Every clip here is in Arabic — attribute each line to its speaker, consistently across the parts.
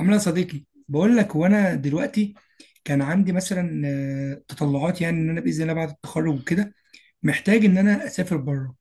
Speaker 1: عامله يا صديقي، بقول لك وانا دلوقتي كان عندي مثلا تطلعات، يعني ان انا باذن الله بعد التخرج وكده محتاج ان انا اسافر بره.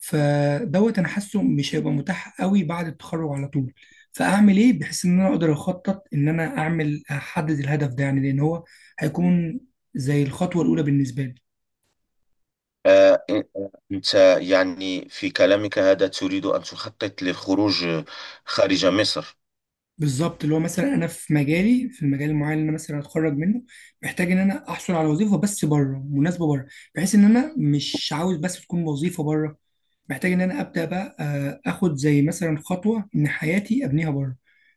Speaker 1: فدوت انا حاسه مش هيبقى متاح قوي بعد التخرج على طول. فاعمل ايه بحيث ان انا اقدر اخطط، ان انا اعمل احدد الهدف ده؟ يعني لان هو هيكون زي الخطوه الاولى بالنسبه لي.
Speaker 2: آه، أنت يعني في كلامك هذا تريد أن تخطط للخروج خارج مصر.
Speaker 1: بالظبط اللي هو مثلا انا في مجالي، في المجال المعين اللي انا مثلا هتخرج منه، محتاج ان انا احصل على وظيفه بس بره، مناسبه بره. بحيث ان انا مش عاوز بس تكون وظيفه بره، محتاج ان انا ابدا بقى اخد زي مثلا خطوه ان حياتي ابنيها بره.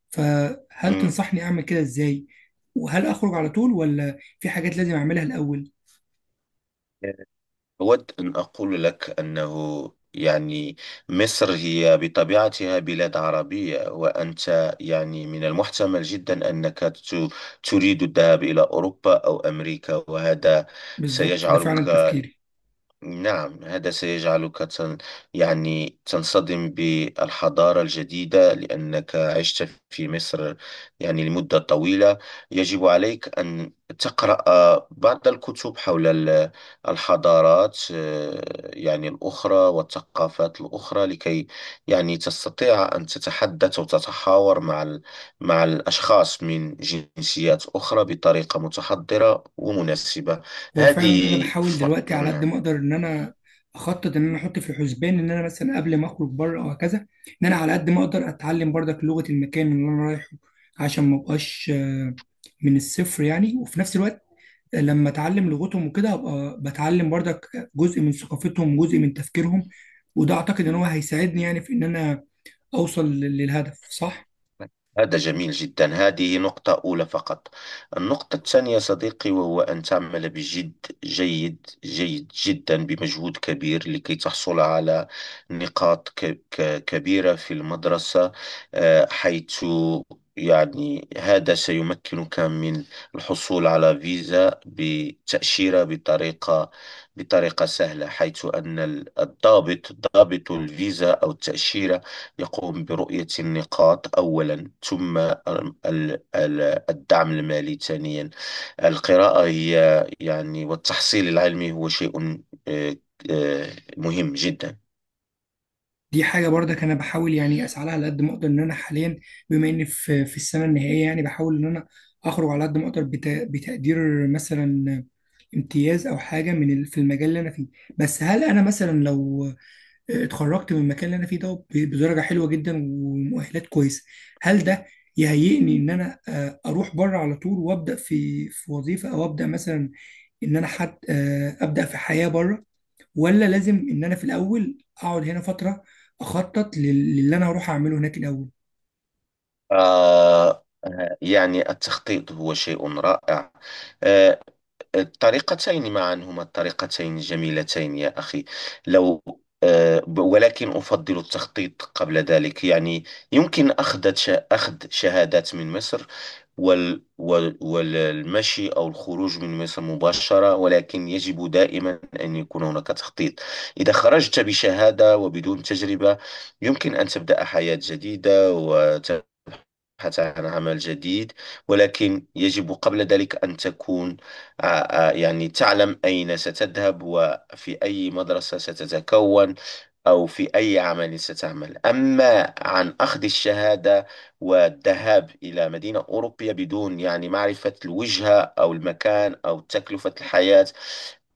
Speaker 1: فهل
Speaker 2: مم.
Speaker 1: تنصحني اعمل كده ازاي؟ وهل اخرج على طول ولا في حاجات لازم اعملها الاول؟
Speaker 2: أود أن أقول لك أنه يعني مصر هي بطبيعتها بلاد عربية، وأنت يعني من المحتمل جدا أنك تريد الذهاب إلى أوروبا أو أمريكا، وهذا
Speaker 1: بالظبط ده فعلا
Speaker 2: سيجعلك،
Speaker 1: تفكيري.
Speaker 2: نعم، هذا سيجعلك يعني تنصدم بالحضارة الجديدة لأنك عشت في مصر يعني لمدة طويلة. يجب عليك أن تقرأ بعض الكتب حول الحضارات، يعني الأخرى والثقافات الأخرى، لكي يعني تستطيع أن تتحدث وتتحاور مع مع الأشخاص من جنسيات أخرى بطريقة متحضرة ومناسبة.
Speaker 1: هو فعلا انا
Speaker 2: هذه
Speaker 1: بحاول
Speaker 2: ف...
Speaker 1: دلوقتي على قد
Speaker 2: نعم،
Speaker 1: ما اقدر ان انا اخطط، ان انا احط في حسبان ان انا مثلا قبل ما اخرج بره او هكذا، ان انا على قد ما اقدر اتعلم برضك لغه المكان اللي انا رايحه، عشان ما ابقاش من الصفر يعني. وفي نفس الوقت لما اتعلم لغتهم وكده ابقى بتعلم برضك جزء من ثقافتهم وجزء من تفكيرهم. وده اعتقد ان هو هيساعدني يعني في ان انا اوصل للهدف صح.
Speaker 2: هذا جميل جدا. هذه نقطة أولى فقط. النقطة الثانية صديقي وهو أن تعمل بجد، جيد جيد جدا، بمجهود كبير لكي تحصل على نقاط كبيرة في المدرسة. حيث يعني هذا سيمكنك من الحصول على فيزا بتأشيرة بطريقة سهلة، حيث أن الضابط، ضابط الفيزا أو التأشيرة، يقوم برؤية النقاط أولا، ثم الدعم المالي ثانيا. القراءة هي يعني والتحصيل العلمي هو شيء آه، مهم جدا.
Speaker 1: دي حاجة برضك أنا بحاول يعني أسعى لها على قد ما أقدر. إن أنا حاليا بما إني في السنة النهائية يعني بحاول إن أنا أخرج على قد ما أقدر بتقدير مثلا امتياز أو حاجة من في المجال اللي أنا فيه. بس هل أنا مثلا لو اتخرجت من المكان اللي أنا فيه ده بدرجة حلوة جدا ومؤهلات كويسة، هل ده يهيئني إن أنا أروح بره على طول وأبدأ في وظيفة؟ أو أبدأ مثلا إن أنا حد، أبدأ في حياة بره؟ ولا لازم ان انا في الاول اقعد هنا فتره اخطط للي انا هروح اعمله هناك الاول؟
Speaker 2: آه، يعني التخطيط هو شيء رائع. آه الطريقتين معا هما الطريقتين الجميلتين يا أخي. لو ولكن أفضل التخطيط قبل ذلك يعني. يمكن أخذ شهادات من مصر والمشي أو الخروج من مصر مباشرة، ولكن يجب دائما أن يكون هناك تخطيط. إذا خرجت بشهادة وبدون تجربة يمكن أن تبدأ حياة جديدة البحث عن عمل جديد، ولكن يجب قبل ذلك أن تكون يعني تعلم أين ستذهب وفي أي مدرسة ستتكون أو في أي عمل ستعمل. أما عن أخذ الشهادة والذهاب إلى مدينة أوروبية بدون يعني معرفة الوجهة أو المكان أو تكلفة الحياة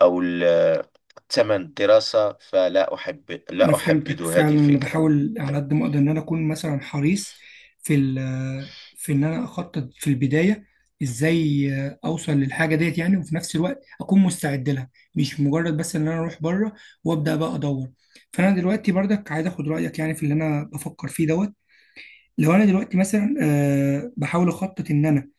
Speaker 2: أو ثمن الدراسة، فلا أحب
Speaker 1: انا
Speaker 2: لا أحبذ
Speaker 1: فهمتك
Speaker 2: هذه
Speaker 1: فعلا. انا
Speaker 2: الفكرة.
Speaker 1: بحاول على
Speaker 2: نعم.
Speaker 1: قد ما اقدر ان انا اكون مثلا حريص في في ان انا اخطط في البدايه ازاي اوصل للحاجه ديت، يعني وفي نفس الوقت اكون مستعد لها، مش مجرد بس ان انا اروح بره وابدا بقى ادور. فانا دلوقتي برضك عايز اخد رايك يعني في اللي انا بفكر فيه دوت. لو انا دلوقتي مثلا بحاول اخطط ان انا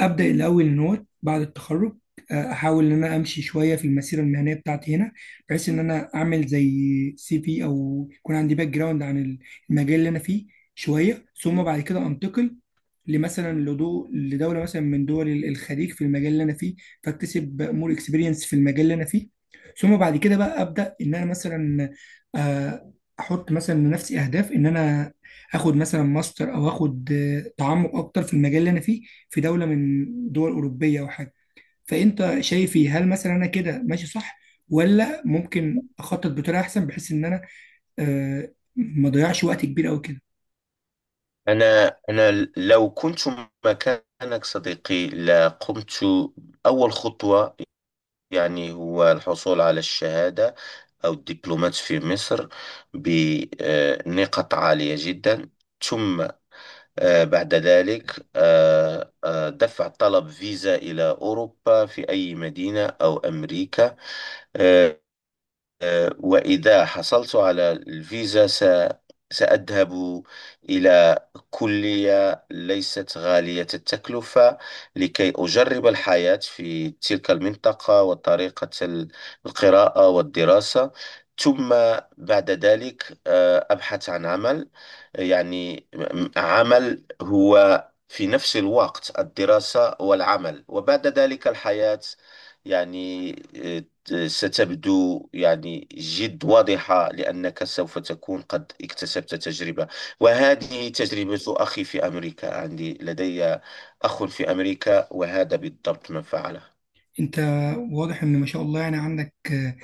Speaker 1: ابدا الاول ان هو بعد التخرج، احاول ان انا امشي شويه في المسيره المهنيه بتاعتي هنا، بحيث ان انا اعمل زي سي في، او يكون عندي باك جراوند عن المجال اللي انا فيه شويه. ثم بعد كده انتقل لمثلا لدوله مثلا من دول الخليج في المجال اللي انا فيه، فاكتسب مور اكسبيرينس في المجال اللي انا فيه. ثم بعد كده بقى ابدا ان انا مثلا آه، احط مثلا لنفسي اهداف ان انا اخد مثلا ماستر او اخد تعمق اكتر في المجال اللي انا فيه في دولة من دول أوروبية أو حاجة. فأنت شايفي هل مثلا أنا كده ماشي صح؟ ولا ممكن أخطط بطريقة أحسن بحيث إن أنا ما أضيعش وقت كبير أوي كده؟
Speaker 2: أنا لو كنت مكانك صديقي لقمت. أول خطوة يعني هو الحصول على الشهادة أو الدبلومات في مصر بنقاط عالية جدا. ثم بعد ذلك دفع طلب فيزا إلى أوروبا في أي مدينة أو أمريكا. آه، وإذا حصلت على الفيزا سأذهب إلى كلية ليست غالية التكلفة لكي أجرب الحياة في تلك المنطقة وطريقة القراءة والدراسة. ثم بعد ذلك أبحث عن عمل، يعني عمل هو في نفس الوقت الدراسة والعمل، وبعد ذلك الحياة يعني ستبدو يعني جد واضحة لأنك سوف تكون قد اكتسبت تجربة. وهذه تجربة أخي، في أمريكا عندي، لدي أخ في أمريكا، وهذا بالضبط ما فعله.
Speaker 1: أنت واضح إن ما شاء الله يعني عندك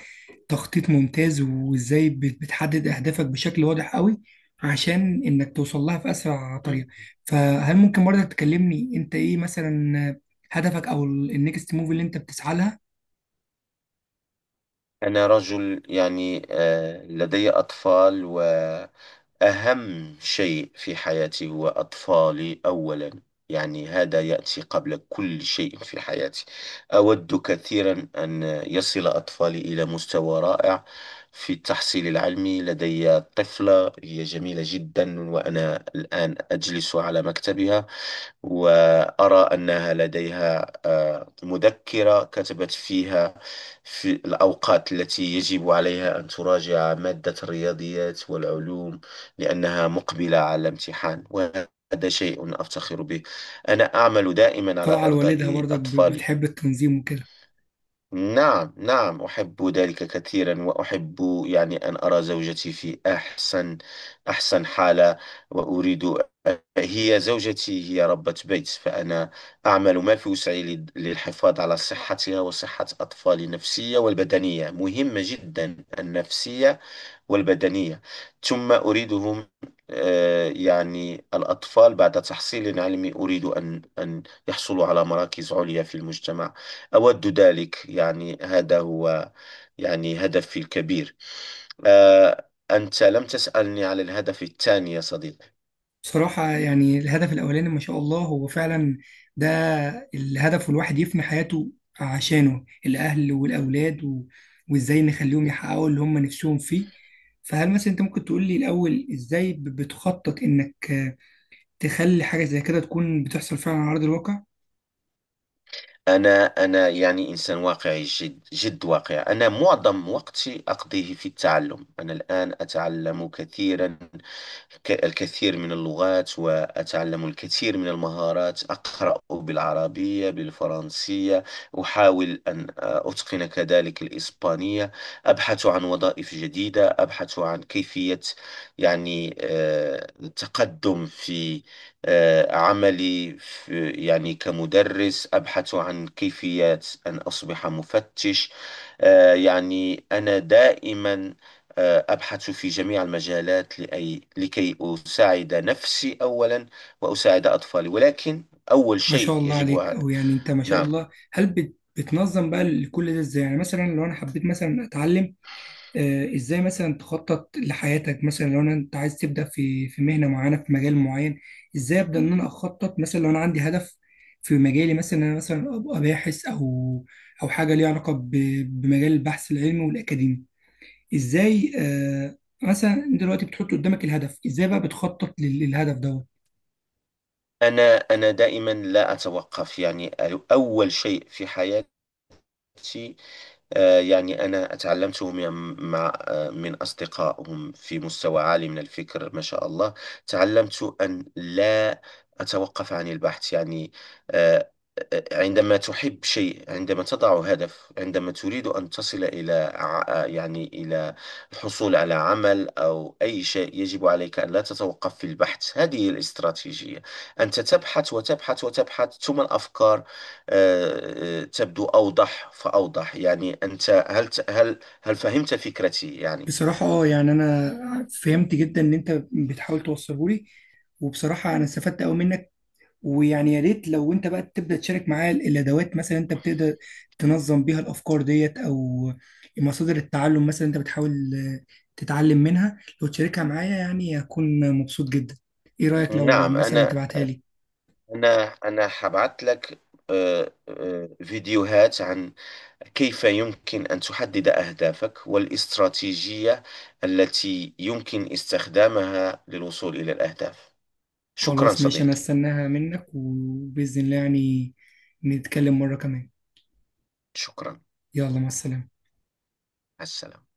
Speaker 1: تخطيط ممتاز، وإزاي بتحدد أهدافك بشكل واضح أوي عشان إنك توصل لها في أسرع طريقة. فهل ممكن برضك تكلمني أنت إيه مثلا هدفك أو النكست موف اللي أنت بتسعى لها؟
Speaker 2: أنا رجل يعني لدي أطفال، و أهم شيء في حياتي هو أطفالي أولا، يعني هذا يأتي قبل كل شيء في حياتي. أود كثيرا أن يصل أطفالي إلى مستوى رائع في التحصيل العلمي. لدي طفلة هي جميلة جدا، وأنا الآن أجلس على مكتبها وأرى أنها لديها مذكرة كتبت فيها في الأوقات التي يجب عليها أن تراجع مادة الرياضيات والعلوم لأنها مقبلة على الامتحان، وهذا شيء أفتخر به. أنا أعمل دائما
Speaker 1: طالعة
Speaker 2: على
Speaker 1: لوالدها
Speaker 2: إرضاء
Speaker 1: برضك،
Speaker 2: أطفالي.
Speaker 1: بتحب التنظيم وكده.
Speaker 2: نعم، نعم، أحب ذلك كثيرا، وأحب يعني أن أرى زوجتي في أحسن أحسن حالة، وأريد. هي زوجتي هي ربة بيت، فأنا أعمل ما في وسعي للحفاظ على صحتها وصحة أطفالي النفسية والبدنية، مهمة جدا النفسية والبدنية. ثم أريدهم يعني الأطفال بعد تحصيل علمي أريد أن أن يحصلوا على مراكز عليا في المجتمع. أود ذلك، يعني هذا هو يعني هدفي الكبير. أنت لم تسألني على الهدف الثاني يا صديقي.
Speaker 1: بصراحة يعني الهدف الأولاني ما شاء الله هو فعلا ده الهدف، والواحد يفني حياته عشانه، الأهل والأولاد و... وإزاي نخليهم يحققوا اللي هم نفسهم فيه. فهل مثلا أنت ممكن تقول لي الأول إزاي بتخطط إنك تخلي حاجة زي كده تكون بتحصل فعلا على أرض الواقع؟
Speaker 2: أنا يعني إنسان واقعي، جد جد واقعي. أنا معظم وقتي أقضيه في التعلم. أنا الآن أتعلم كثيرا، الكثير من اللغات، وأتعلم الكثير من المهارات. أقرأ بالعربية، بالفرنسية، أحاول أن أتقن كذلك الإسبانية. أبحث عن وظائف جديدة، أبحث عن كيفية يعني التقدم في عملي في يعني كمدرس. أبحث عن كيفية أن أصبح مفتش. يعني أنا دائما أبحث في جميع المجالات لكي أساعد نفسي أولا وأساعد أطفالي، ولكن أول
Speaker 1: ما شاء
Speaker 2: شيء
Speaker 1: الله
Speaker 2: يجب
Speaker 1: عليك. أو يعني أنت ما شاء
Speaker 2: نعم.
Speaker 1: الله هل بتنظم بقى كل ده إزاي؟ يعني مثلا لو أنا حبيت مثلا أتعلم ازاي مثلا تخطط لحياتك، مثلا لو انا انت عايز تبدا في مهنه معينه في مجال معين، ازاي ابدا ان انا اخطط مثلا لو انا عندي هدف في مجالي مثلا إن انا مثلا ابقى باحث او حاجه ليها علاقه بمجال البحث العلمي والاكاديمي؟ ازاي مثلا دلوقتي بتحط قدامك الهدف، ازاي بقى بتخطط للهدف دوت؟
Speaker 2: أنا دائما لا أتوقف يعني. أول شيء في حياتي يعني أنا تعلمت من- مع آه، من أصدقائهم في مستوى عالي من الفكر، ما شاء الله. تعلمت أن لا أتوقف عن البحث يعني. آه، عندما تحب شيء، عندما تضع هدف، عندما تريد أن تصل إلى يعني إلى الحصول على عمل أو أي شيء، يجب عليك أن لا تتوقف في البحث. هذه هي الاستراتيجية. أنت تبحث وتبحث وتبحث، ثم الأفكار تبدو أوضح فأوضح، يعني. أنت هل فهمت فكرتي يعني؟
Speaker 1: بصراحه اه، يعني انا فهمت جدا ان انت بتحاول توصله لي، وبصراحه انا استفدت قوي منك. ويعني يا ريت لو انت بقى تبدا تشارك معاه الادوات مثلا انت بتقدر تنظم بيها الافكار ديت، او مصادر التعلم مثلا انت بتحاول تتعلم منها. لو تشاركها معايا يعني هكون مبسوط جدا. ايه رايك لو
Speaker 2: نعم.
Speaker 1: مثلا
Speaker 2: أنا
Speaker 1: تبعتها لي؟
Speaker 2: أنا أنا حبعت لك فيديوهات عن كيف يمكن أن تحدد أهدافك والاستراتيجية التي يمكن استخدامها للوصول إلى الأهداف. شكرا
Speaker 1: خلاص ماشي، انا
Speaker 2: صديقي.
Speaker 1: استناها منك، وباذن الله يعني نتكلم مره كمان.
Speaker 2: شكرا، مع
Speaker 1: يلا مع السلامه.
Speaker 2: السلامة.